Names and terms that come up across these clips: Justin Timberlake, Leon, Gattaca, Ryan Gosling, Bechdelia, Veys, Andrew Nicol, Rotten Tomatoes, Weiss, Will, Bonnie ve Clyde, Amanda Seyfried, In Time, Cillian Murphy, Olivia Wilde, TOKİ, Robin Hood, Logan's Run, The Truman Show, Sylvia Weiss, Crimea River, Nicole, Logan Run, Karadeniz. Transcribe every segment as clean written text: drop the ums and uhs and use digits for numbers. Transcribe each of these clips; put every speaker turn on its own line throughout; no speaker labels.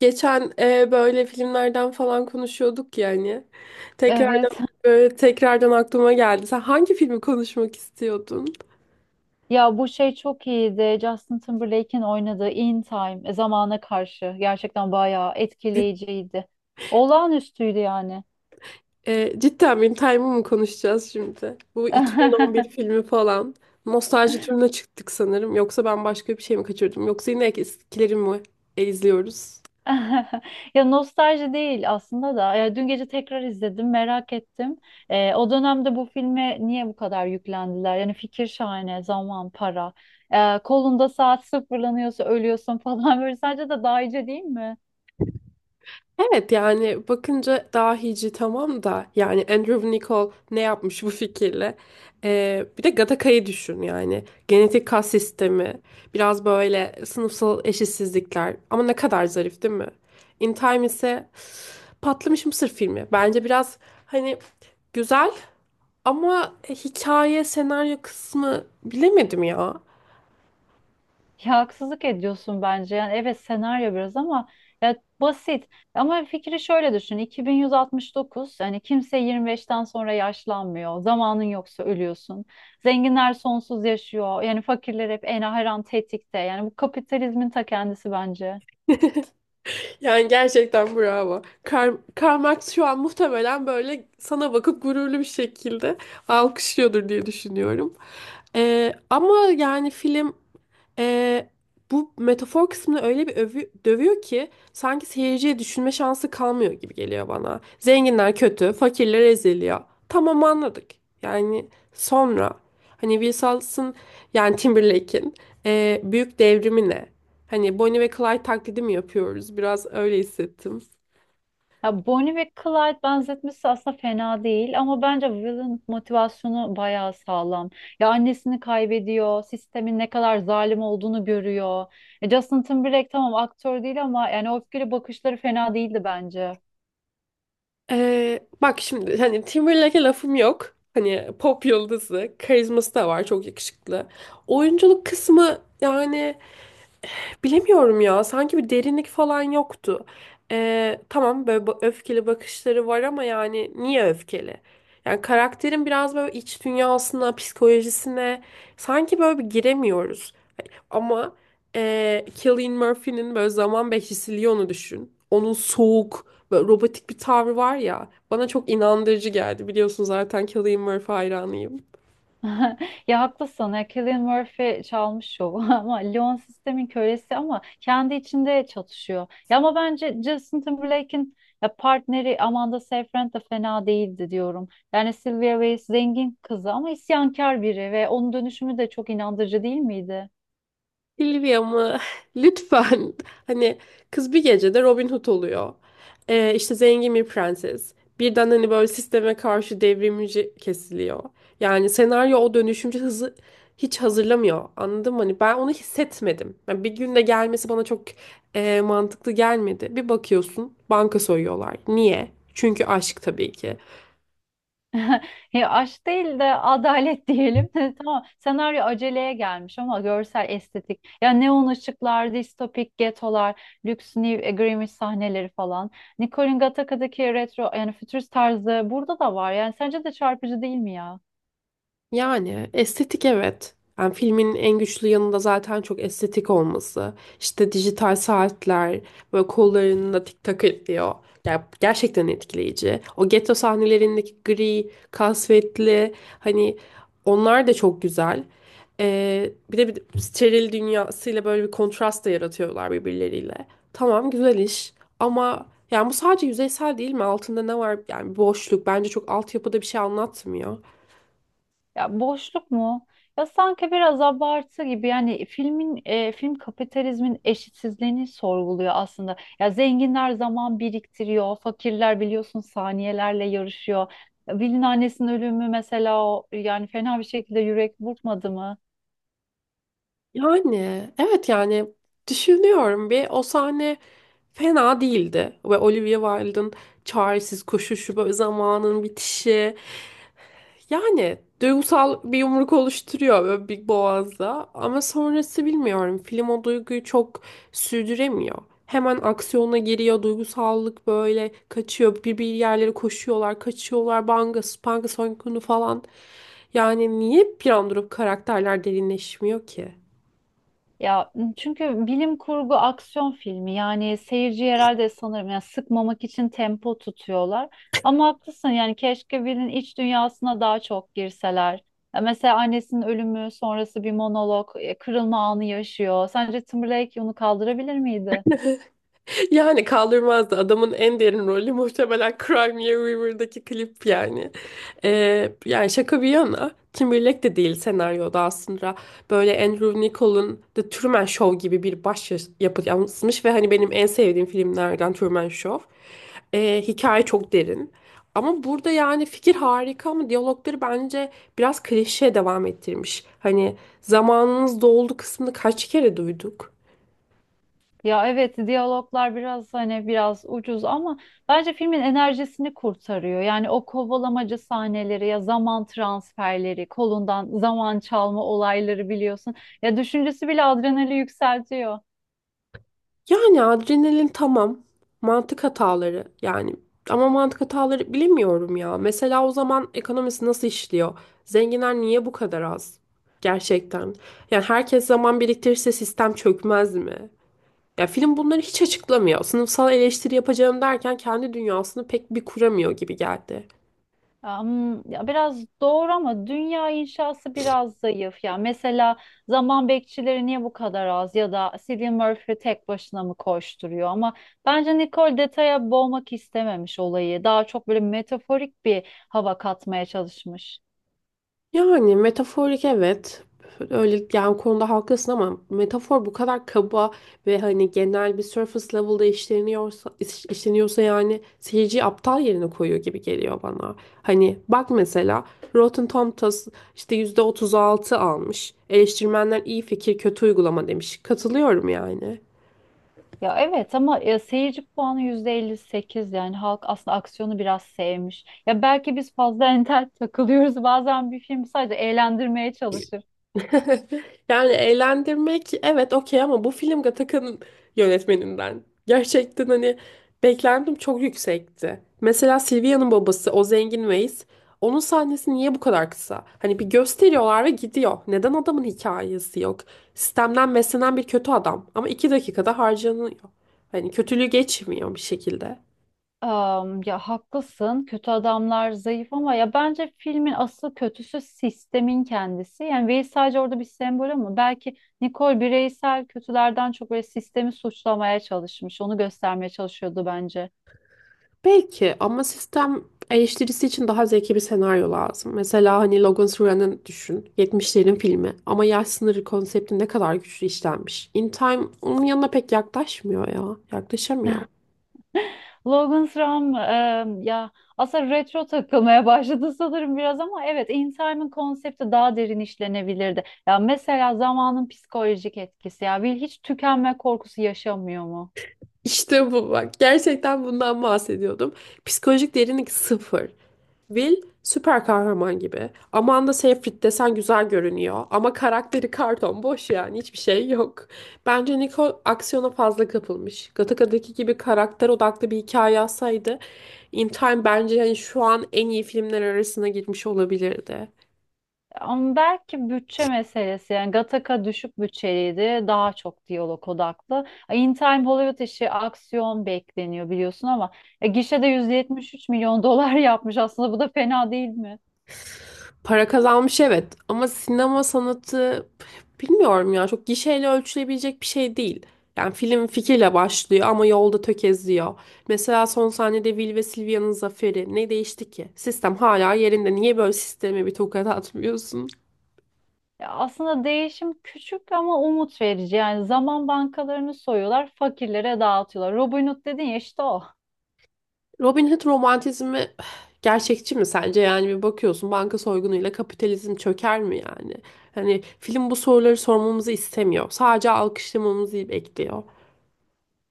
Geçen böyle filmlerden falan konuşuyorduk yani.
Evet.
Tekrardan aklıma geldi. Sen hangi filmi konuşmak istiyordun?
Ya bu şey çok iyiydi. Justin Timberlake'in oynadığı In Time, zamana karşı gerçekten bayağı etkileyiciydi. Olağanüstüydü yani.
Cidden benim Time'ı mı konuşacağız şimdi? Bu 2011 filmi falan. Nostalji turuna çıktık sanırım. Yoksa ben başka bir şey mi kaçırdım? Yoksa yine eskileri mi izliyoruz?
Ya nostalji değil aslında da. Ya dün gece tekrar izledim, merak ettim. O dönemde bu filme niye bu kadar yüklendiler? Yani fikir şahane, zaman, para. Kolunda saat sıfırlanıyorsa ölüyorsun falan böyle. Sence de dahice değil?
Evet yani bakınca dahici tamam da yani Andrew Nicol ne yapmış bu fikirle? Bir de Gattaca'yı düşün yani. Genetik kas sistemi, biraz böyle sınıfsal eşitsizlikler ama ne kadar zarif değil mi? In Time ise patlamış mısır filmi. Bence biraz hani güzel ama hikaye, senaryo kısmı bilemedim ya.
Ya haksızlık ediyorsun bence. Yani evet, senaryo biraz ama ya basit. Ama fikri şöyle düşün. 2169, yani kimse 25'ten sonra yaşlanmıyor. Zamanın yoksa ölüyorsun. Zenginler sonsuz yaşıyor. Yani fakirler hep en her an tetikte. Yani bu kapitalizmin ta kendisi bence.
Yani gerçekten bravo. Karl Marx şu an muhtemelen böyle sana bakıp gururlu bir şekilde alkışlıyordur diye düşünüyorum. Ama yani film ee, bu metafor kısmını öyle bir dövüyor ki sanki seyirciye düşünme şansı kalmıyor gibi geliyor bana. Zenginler kötü, fakirler eziliyor. Tamam anladık. Yani sonra hani Wilson yani Timberlake'in büyük devrimi ne? Hani Bonnie ve Clyde taklidi mi yapıyoruz? Biraz öyle hissettim.
Ya Bonnie ve Clyde benzetmesi aslında fena değil ama bence Will'ın motivasyonu bayağı sağlam. Ya annesini kaybediyor, sistemin ne kadar zalim olduğunu görüyor. Justin Timberlake tamam, aktör değil ama yani o öfkeli bakışları fena değildi bence.
Bak şimdi hani Timberlake'e lafım yok. Hani pop yıldızı, karizması da var, çok yakışıklı. Oyunculuk kısmı yani bilemiyorum ya. Sanki bir derinlik falan yoktu. Tamam böyle öfkeli bakışları var ama yani niye öfkeli? Yani karakterin biraz böyle iç dünyasına, psikolojisine sanki böyle bir giremiyoruz. Ama Cillian Murphy'nin böyle zaman Bechdelia'nı düşün. Onun soğuk, böyle robotik bir tavrı var ya. Bana çok inandırıcı geldi. Biliyorsun zaten Cillian Murphy hayranıyım.
Ya haklısın. Ya Cillian Murphy çalmış şovu ama Leon sistemin kölesi, ama kendi içinde çatışıyor. Ya ama bence Justin Timberlake'in ya partneri Amanda Seyfried de fena değildi diyorum. Yani Sylvia Weiss zengin kızı ama isyankar biri ve onun dönüşümü de çok inandırıcı değil miydi?
Silvia mı? Lütfen. Hani kız bir gecede Robin Hood oluyor. İşte zengin bir prenses. Birden hani böyle sisteme karşı devrimci kesiliyor. Yani senaryo o dönüşümce hızı hiç hazırlamıyor. Anladın mı? Hani ben onu hissetmedim. Yani bir günde gelmesi bana çok mantıklı gelmedi. Bir bakıyorsun banka soyuyorlar. Niye? Çünkü aşk tabii ki.
Ya aşk değil de adalet diyelim. Tamam. Senaryo aceleye gelmiş ama görsel estetik. Ya neon ışıklar, distopik getolar, lüks New Agreement sahneleri falan. Nicole'in Gattaca'daki retro yani fütürist tarzı burada da var. Yani sence de çarpıcı değil mi ya?
Yani estetik evet. Yani filmin en güçlü yanı da zaten çok estetik olması. İşte dijital saatler, böyle kollarında tik tak ediyor. Ya, gerçekten etkileyici. O getto sahnelerindeki gri, kasvetli hani onlar da çok güzel. Bir de bir steril dünyasıyla böyle bir kontrast da yaratıyorlar birbirleriyle. Tamam güzel iş ama yani bu sadece yüzeysel değil mi? Altında ne var? Yani boşluk bence çok altyapıda bir şey anlatmıyor.
Ya boşluk mu? Ya sanki biraz abartı gibi. Yani film kapitalizmin eşitsizliğini sorguluyor aslında. Ya zenginler zaman biriktiriyor, fakirler biliyorsun saniyelerle yarışıyor. Ya Will'in annesinin ölümü mesela, o yani fena bir şekilde yürek burkmadı mı?
Yani evet yani düşünüyorum bir o sahne fena değildi ve Olivia Wilde'ın çaresiz koşuşu böyle zamanın bitişi yani duygusal bir yumruk oluşturuyor böyle bir boğazda ama sonrası bilmiyorum film o duyguyu çok sürdüremiyor. Hemen aksiyona giriyor duygusallık böyle kaçıyor bir bir yerlere koşuyorlar kaçıyorlar banga spanga soykunu falan yani niye bir an durup karakterler derinleşmiyor ki?
Ya çünkü bilim kurgu aksiyon filmi, yani seyirci herhalde sanırım yani sıkmamak için tempo tutuyorlar. Ama haklısın, yani keşke birinin iç dünyasına daha çok girseler. Ya mesela annesinin ölümü sonrası bir monolog, kırılma anı yaşıyor. Sence Timberlake onu kaldırabilir miydi?
Yani kaldırmazdı. Adamın en derin rolü muhtemelen Crimea River'daki klip yani. Yani şaka bir yana Timberlake de değil senaryoda aslında. Böyle Andrew Nicol'un The Truman Show gibi bir baş yapıt yansımış ve hani benim en sevdiğim filmlerden Truman Show. Hikaye çok derin. Ama burada yani fikir harika ama diyalogları bence biraz klişeye devam ettirmiş. Hani zamanınız doldu kısmını kaç kere duyduk?
Ya evet, diyaloglar biraz hani biraz ucuz ama bence filmin enerjisini kurtarıyor. Yani o kovalamacı sahneleri, ya zaman transferleri, kolundan zaman çalma olayları biliyorsun. Ya düşüncesi bile adrenali yükseltiyor.
Yani adrenalin tamam. Mantık hataları yani. Ama mantık hataları bilemiyorum ya. Mesela o zaman ekonomisi nasıl işliyor? Zenginler niye bu kadar az? Gerçekten. Yani herkes zaman biriktirirse sistem çökmez mi? Ya film bunları hiç açıklamıyor. Sınıfsal eleştiri yapacağım derken kendi dünyasını pek bir kuramıyor gibi geldi.
Ya biraz doğru ama dünya inşası biraz zayıf. Ya mesela zaman bekçileri niye bu kadar az, ya da Cillian Murphy tek başına mı koşturuyor, ama bence Nicole detaya boğmak istememiş olayı. Daha çok böyle metaforik bir hava katmaya çalışmış.
Yani metaforik evet. Öyle yani konuda haklısın ama metafor bu kadar kaba ve hani genel bir surface level'da işleniyorsa işleniyorsa yani seyirciyi aptal yerine koyuyor gibi geliyor bana. Hani bak mesela Rotten Tomatoes işte %36 almış. Eleştirmenler iyi fikir kötü uygulama demiş. Katılıyorum yani.
Ya evet ama seyirci puanı %58, yani halk aslında aksiyonu biraz sevmiş. Ya belki biz fazla entel takılıyoruz. Bazen bir film sadece eğlendirmeye çalışır.
Yani eğlendirmek evet okey ama bu film Gattaca'nın yönetmeninden. Gerçekten hani beklentim çok yüksekti. Mesela Silvia'nın babası o zengin Weiss onun sahnesi niye bu kadar kısa? Hani bir gösteriyorlar ve gidiyor. Neden adamın hikayesi yok? Sistemden beslenen bir kötü adam ama 2 dakikada harcanıyor. Hani kötülüğü geçmiyor bir şekilde.
Ya haklısın. Kötü adamlar zayıf ama ya bence filmin asıl kötüsü sistemin kendisi. Yani Veys sadece orada bir sembol ama belki Nicole bireysel kötülerden çok böyle sistemi suçlamaya çalışmış. Onu göstermeye çalışıyordu bence.
Belki ama sistem eleştirisi için daha zeki bir senaryo lazım. Mesela hani Logan Run'ı düşün. Yetmişlerin filmi ama yaş sınırı konsepti ne kadar güçlü işlenmiş. In Time onun yanına pek yaklaşmıyor ya. Yaklaşamıyor.
Logan's Run, ya aslında retro takılmaya başladı sanırım biraz ama evet, In Time'ın konsepti daha derin işlenebilirdi. Ya mesela zamanın psikolojik etkisi, ya Will hiç tükenme korkusu yaşamıyor mu?
İşte bu bak. Gerçekten bundan bahsediyordum. Psikolojik derinlik sıfır. Will süper kahraman gibi. Amanda Seyfried desen güzel görünüyor. Ama karakteri karton boş yani hiçbir şey yok. Bence Nicole aksiyona fazla kapılmış. Gataca'daki gibi karakter odaklı bir hikaye yazsaydı In Time bence yani şu an en iyi filmler arasına girmiş olabilirdi.
Ama belki bütçe meselesi. Yani Gattaca düşük bütçeliydi, daha çok diyalog odaklı. In Time Hollywood işi, aksiyon bekleniyor biliyorsun ama gişede 173 milyon dolar yapmış aslında, bu da fena değil mi?
Para kazanmış evet ama sinema sanatı bilmiyorum ya çok gişeyle ölçülebilecek bir şey değil. Yani film fikirle başlıyor ama yolda tökezliyor. Mesela son sahnede Will ve Sylvia'nın zaferi ne değişti ki? Sistem hala yerinde. Niye böyle sisteme bir tokat atmıyorsun?
Ya aslında değişim küçük ama umut verici. Yani zaman bankalarını soyuyorlar, fakirlere dağıtıyorlar. Robin Hood dedin ya, işte o.
Robin Hood romantizmi gerçekçi mi sence? Yani bir bakıyorsun banka soygunuyla kapitalizm çöker mi yani? Hani film bu soruları sormamızı istemiyor. Sadece alkışlamamızı bekliyor.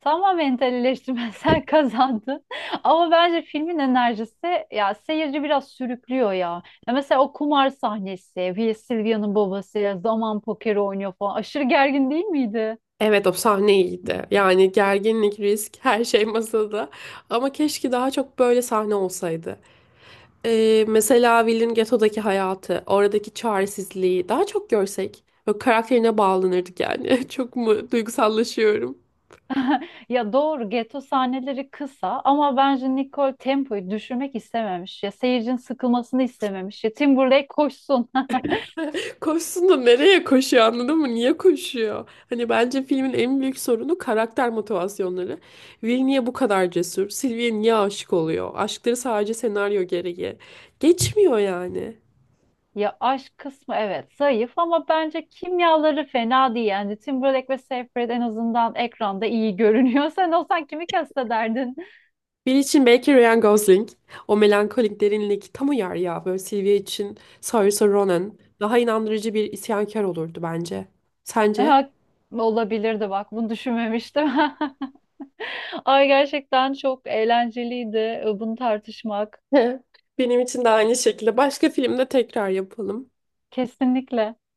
Tamamen eleştirmensel kazandı. Ama bence filmin enerjisi ya seyirci biraz sürüklüyor ya. Ya mesela o kumar sahnesi, Will Sylvia'nın babası zaman pokeri oynuyor falan. Aşırı gergin değil miydi?
Evet o sahne iyiydi. Yani gerginlik, risk, her şey masada. Ama keşke daha çok böyle sahne olsaydı. Mesela Will'in getodaki hayatı, oradaki çaresizliği daha çok görsek. Böyle karakterine bağlanırdık yani. Çok mu duygusallaşıyorum?
Ya doğru, geto sahneleri kısa ama bence Nicole tempoyu düşürmek istememiş. Ya seyircinin sıkılmasını istememiş. Ya Timberlake koşsun.
Koşsun da nereye koşuyor anladın mı? Niye koşuyor? Hani bence filmin en büyük sorunu karakter motivasyonları. Will niye bu kadar cesur? Sylvie niye aşık oluyor? Aşkları sadece senaryo gereği. Geçmiyor yani.
Ya aşk kısmı evet zayıf ama bence kimyaları fena değil. Yani Timberlake ve Seyfried en azından ekranda iyi görünüyor. Sen olsan kimi kastederdin?
Bir için belki Ryan Gosling. O melankolik derinlik tam uyar ya. Böyle Sylvia için Saoirse Ronan. Daha inandırıcı bir isyankar olurdu bence. Sence?
Ha, olabilirdi bak, bunu düşünmemiştim. Ay, gerçekten çok eğlenceliydi bunu tartışmak.
Benim için de aynı şekilde. Başka filmde tekrar yapalım.
Kesinlikle.